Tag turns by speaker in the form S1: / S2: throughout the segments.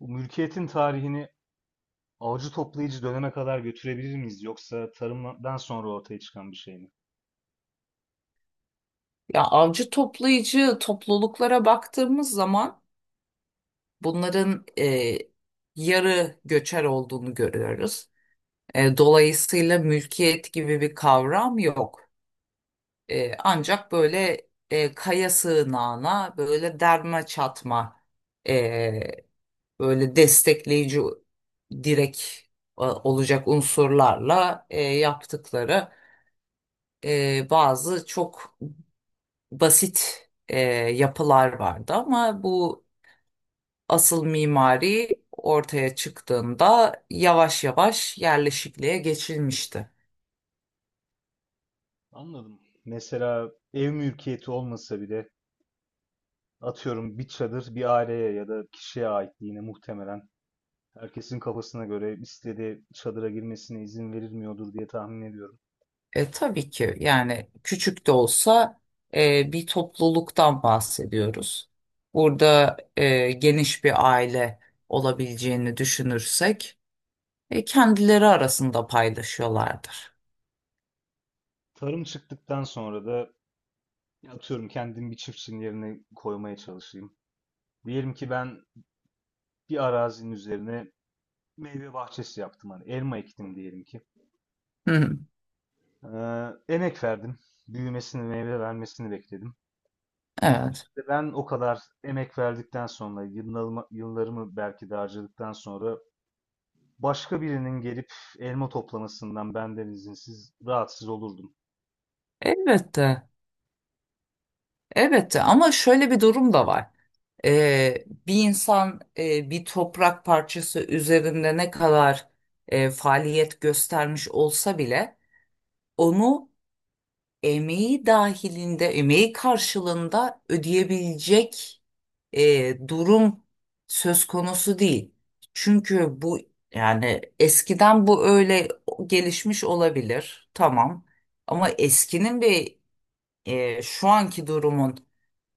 S1: Bu mülkiyetin tarihini avcı toplayıcı döneme kadar götürebilir miyiz? Yoksa tarımdan sonra ortaya çıkan bir şey mi?
S2: Ya avcı toplayıcı topluluklara baktığımız zaman bunların yarı göçer olduğunu görüyoruz. Dolayısıyla mülkiyet gibi bir kavram yok. Ancak böyle kaya sığınağına böyle derme çatma e, böyle destekleyici direk olacak unsurlarla yaptıkları bazı çok basit yapılar vardı ama bu asıl mimari ortaya çıktığında yavaş yavaş yerleşikliğe geçilmişti.
S1: Anladım. Mesela ev mülkiyeti olmasa bile atıyorum bir çadır bir aileye ya da kişiye aitliğine muhtemelen herkesin kafasına göre istediği çadıra girmesine izin verilmiyordur diye tahmin ediyorum.
S2: Tabii ki yani küçük de olsa bir topluluktan bahsediyoruz. Burada geniş bir aile olabileceğini düşünürsek kendileri arasında paylaşıyorlardır.
S1: Tarım çıktıktan sonra da atıyorum kendim bir çiftçinin yerine koymaya çalışayım. Diyelim ki ben bir arazinin üzerine meyve bahçesi yaptım. Hani elma ektim diyelim ki.
S2: Hı hı,
S1: Emek verdim. Büyümesini, meyve vermesini bekledim.
S2: evet,
S1: İşte ben o kadar emek verdikten sonra, yıllarımı, yıllarımı belki de harcadıktan sonra başka birinin gelip elma toplamasından benden izinsiz rahatsız olurdum.
S2: elbette, elbette, ama şöyle bir durum da var. Bir insan bir toprak parçası üzerinde ne kadar faaliyet göstermiş olsa bile onu emeği dahilinde, emeği karşılığında ödeyebilecek durum söz konusu değil. Çünkü bu yani eskiden bu öyle gelişmiş olabilir, tamam. Ama eskinin ve şu anki durumun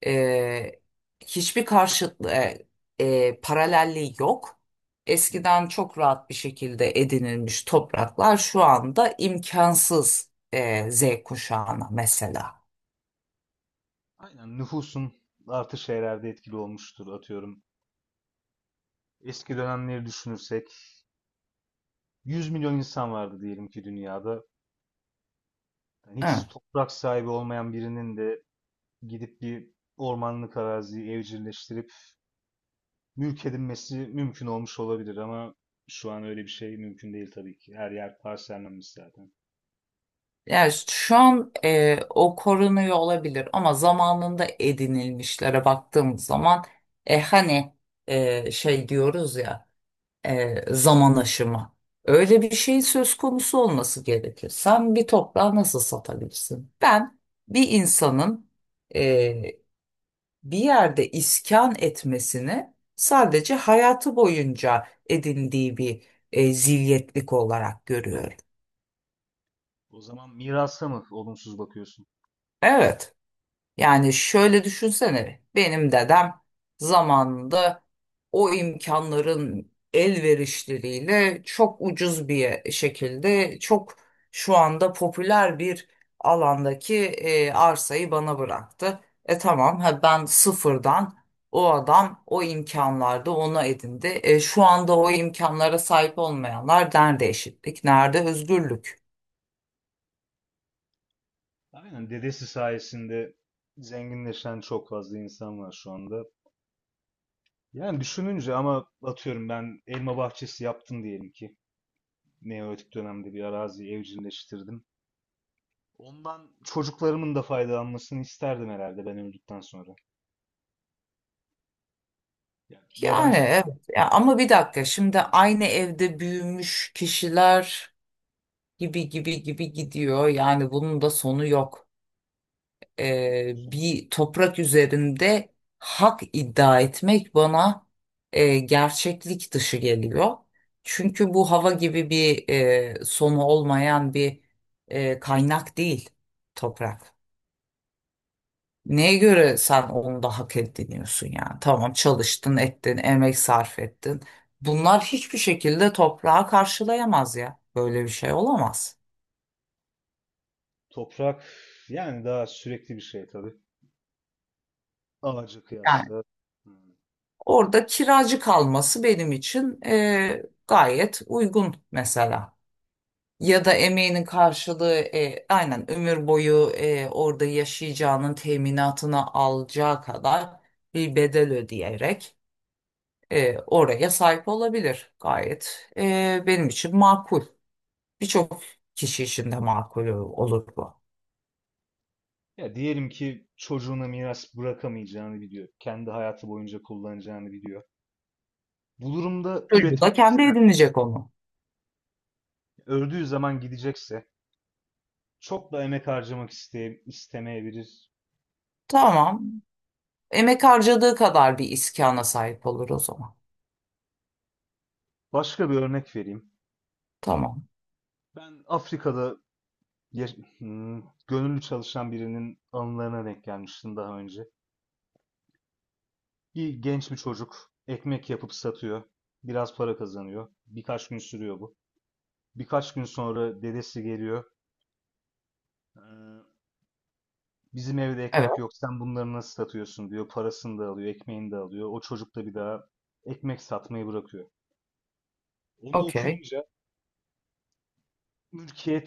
S2: ee, hiçbir paralelliği yok. Eskiden çok rahat bir şekilde edinilmiş topraklar şu anda imkansız Z kuşağına mesela.
S1: Aynen, nüfusun artış herhalde etkili olmuştur atıyorum. Eski dönemleri düşünürsek 100 milyon insan vardı diyelim ki dünyada. Yani
S2: Evet.
S1: hiç toprak sahibi olmayan birinin de gidip bir ormanlık araziyi evcilleştirip mülk edinmesi mümkün olmuş olabilir ama şu an öyle bir şey mümkün değil tabii ki. Her yer parsellenmiş zaten.
S2: Yani şu an o korunuyor olabilir ama zamanında edinilmişlere baktığımız zaman hani şey diyoruz ya, zaman aşımı. Öyle bir şey söz konusu olması gerekir. Sen bir toprağı nasıl satabilirsin? Ben bir insanın e, bir yerde iskan etmesini sadece hayatı boyunca edindiği bir zilyetlik olarak görüyorum.
S1: O zaman mirasa mı olumsuz bakıyorsun?
S2: Evet. Yani şöyle düşünsene, benim dedem zamanında o imkanların elverişleriyle çok ucuz bir şekilde çok şu anda popüler bir alandaki arsayı bana bıraktı. Tamam, ha ben sıfırdan, o adam o imkanlarda onu edindi. Şu anda o imkanlara sahip olmayanlar nerede eşitlik, nerede özgürlük?
S1: Aynen, dedesi sayesinde zenginleşen çok fazla insan var şu anda. Yani düşününce ama atıyorum ben elma bahçesi yaptım diyelim ki. Neolitik dönemde bir araziyi evcilleştirdim. Ondan çocuklarımın da faydalanmasını isterdim herhalde ben öldükten sonra. Yani
S2: Yani
S1: yabancı
S2: evet.
S1: bir
S2: Ya, ama bir
S1: doğaçlar.
S2: dakika, şimdi aynı evde büyümüş kişiler gibi gibi gibi gidiyor. Yani bunun da sonu yok.
S1: Aynen.
S2: Bir toprak üzerinde hak iddia etmek bana gerçeklik dışı geliyor. Çünkü bu hava gibi bir sonu olmayan bir kaynak değil toprak. Neye göre sen onu da hak ediniyorsun yani? Tamam, çalıştın, ettin, emek sarf ettin. Bunlar hiçbir şekilde toprağa karşılayamaz ya. Böyle bir şey olamaz.
S1: Toprak yani daha sürekli bir şey tabii. Ağaca
S2: Yani
S1: kıyasla. Hmm.
S2: orada kiracı kalması benim için gayet uygun mesela. Ya da emeğinin karşılığı, aynen ömür boyu orada yaşayacağının teminatını alacağı kadar bir bedel ödeyerek oraya sahip olabilir. Gayet benim için makul. Birçok kişi için de makul olur bu.
S1: Ya diyelim ki çocuğuna miras bırakamayacağını biliyor. Kendi hayatı boyunca kullanacağını biliyor. Bu durumda
S2: Çocuğu
S1: üretmek
S2: da kendi
S1: ister.
S2: edinecek onu.
S1: Öldüğü zaman gidecekse çok da emek harcamak istemeyebilir.
S2: Tamam. Emek harcadığı kadar bir iskana sahip olur o zaman.
S1: Başka bir örnek vereyim.
S2: Tamam.
S1: Ben Afrika'da gönüllü çalışan birinin anılarına denk gelmiştim daha önce. Bir genç bir çocuk ekmek yapıp satıyor. Biraz para kazanıyor. Birkaç gün sürüyor bu. Birkaç gün sonra dedesi geliyor. Ee, Bizim evde
S2: Evet.
S1: ekmek yok. Sen bunları nasıl satıyorsun diyor. Parasını da alıyor, ekmeğini de alıyor. O çocuk da bir daha ekmek satmayı bırakıyor. Onu
S2: Okey.
S1: okuyunca Türkiye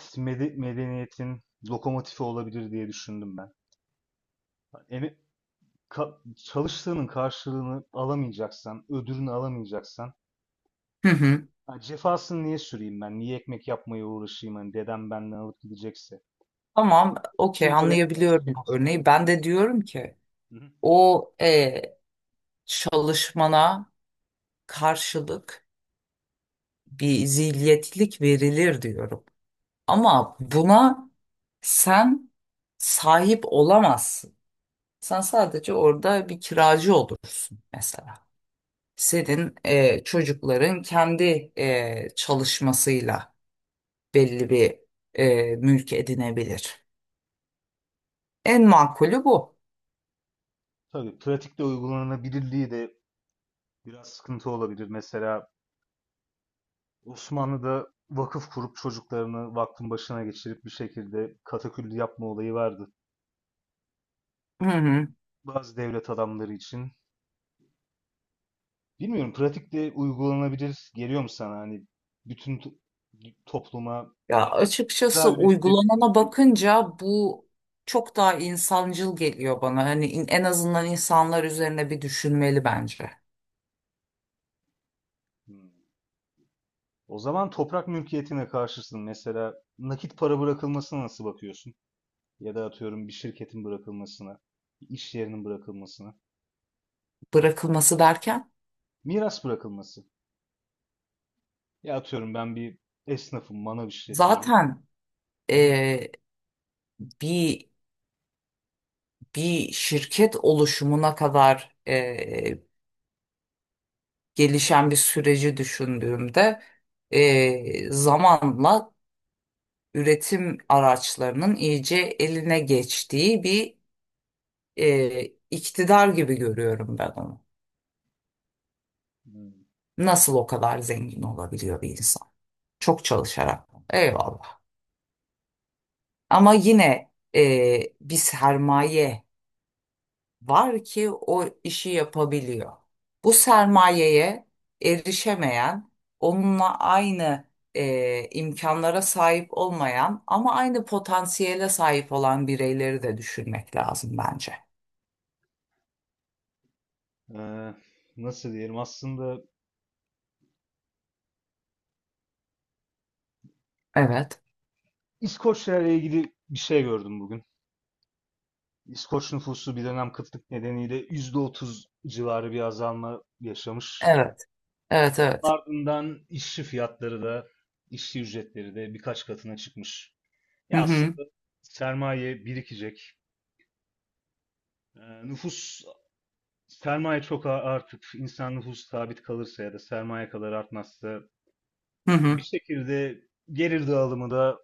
S1: medeniyetin lokomotifi olabilir diye düşündüm ben. Yani çalıştığının karşılığını alamayacaksan, ödülünü alamayacaksan
S2: Hı hı.
S1: ha, cefasını niye süreyim ben? Niye ekmek yapmaya uğraşayım? Hani dedem benden alıp gidecekse.
S2: Tamam. Okey.
S1: İçinde benzer bir
S2: Anlayabiliyorum
S1: şey
S2: bu
S1: düşünülebilir.
S2: örneği. Ben de diyorum ki
S1: Hı hı.
S2: o çalışmana karşılık bir zilyetlik verilir diyorum. Ama buna sen sahip olamazsın. Sen sadece orada bir kiracı olursun mesela. Senin çocukların kendi çalışmasıyla belli bir mülk edinebilir. En makulü bu.
S1: Tabii pratikte uygulanabilirliği de biraz sıkıntı olabilir. Mesela Osmanlı'da vakıf kurup çocuklarını vakfın başına geçirip bir şekilde kataküllü yapma olayı vardı.
S2: Hı hı.
S1: Bazı devlet adamları için. Bilmiyorum pratikte uygulanabilir geliyor mu sana? Hani bütün topluma
S2: Ya
S1: daha
S2: açıkçası
S1: üretilebilir mi?
S2: uygulanana bakınca bu çok daha insancıl geliyor bana. Hani en azından insanlar üzerine bir düşünmeli bence.
S1: Hmm. O zaman toprak mülkiyetine karşısın. Mesela nakit para bırakılmasına nasıl bakıyorsun? Ya da atıyorum bir şirketin bırakılmasına, bir iş yerinin bırakılmasına.
S2: Bırakılması derken
S1: Miras bırakılması. Ya atıyorum ben bir esnafım, manav işletiyorum.
S2: zaten
S1: Hı hı.
S2: e, bir bir şirket oluşumuna kadar gelişen bir süreci düşündüğümde zamanla üretim araçlarının iyice eline geçtiği bir e, iktidar gibi görüyorum ben onu.
S1: Hmm.
S2: Nasıl o kadar zengin olabiliyor bir insan? Çok çalışarak. Eyvallah. Ama yine bir sermaye var ki o işi yapabiliyor. Bu sermayeye erişemeyen, onunla aynı imkanlara sahip olmayan ama aynı potansiyele sahip olan bireyleri de düşünmek lazım bence.
S1: Ee, Nasıl diyelim aslında,
S2: Evet,
S1: İskoçlarla ilgili bir şey gördüm bugün. İskoç nüfusu bir dönem kıtlık nedeniyle %30 civarı bir azalma yaşamış.
S2: evet, evet,
S1: Onun
S2: evet.
S1: ardından işçi fiyatları da işçi ücretleri de birkaç katına çıkmış.
S2: Hı
S1: Ya aslında
S2: hı,
S1: sermaye birikecek. Ee, Nüfus sermaye çok artıp insan nüfusu sabit kalırsa ya da sermaye kadar artmazsa
S2: hı
S1: yani bir
S2: hı.
S1: şekilde gelir dağılımı da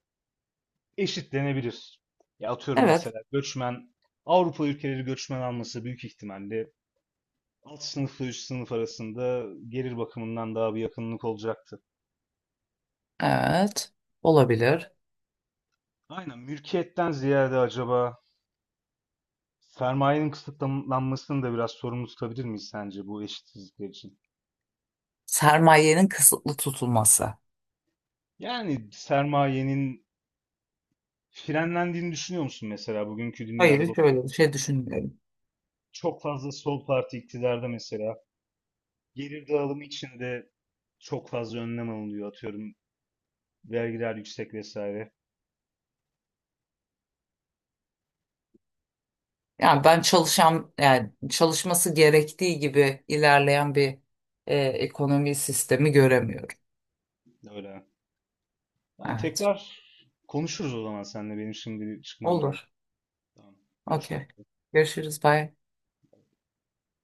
S1: eşitlenebilir. Ya atıyorum
S2: Evet,
S1: mesela göçmen Avrupa ülkeleri göçmen alması büyük ihtimalle alt sınıfla üst sınıf arasında gelir bakımından daha bir yakınlık olacaktı.
S2: evet. Olabilir.
S1: Aynen, mülkiyetten ziyade acaba sermayenin kısıtlanmasını da biraz sorumlu tutabilir miyiz sence bu eşitsizlikler için?
S2: Sermayenin kısıtlı tutulması.
S1: Yani sermayenin frenlendiğini düşünüyor musun mesela bugünkü dünyada
S2: Hayır, şöyle bir
S1: bakıyorum.
S2: şey düşünmüyorum.
S1: Çok fazla sol parti iktidarda mesela. Gelir dağılımı için de çok fazla önlem alınıyor atıyorum. Vergiler yüksek vesaire.
S2: Yani ben çalışan, yani çalışması gerektiği gibi ilerleyen bir ekonomi sistemi göremiyorum.
S1: Öyle. Yani
S2: Evet.
S1: tekrar konuşuruz o zaman seninle. Benim şimdi bir çıkmam lazım.
S2: Olur.
S1: Tamam. Görüşmek
S2: Okey.
S1: üzere.
S2: Görüşürüz. Bye.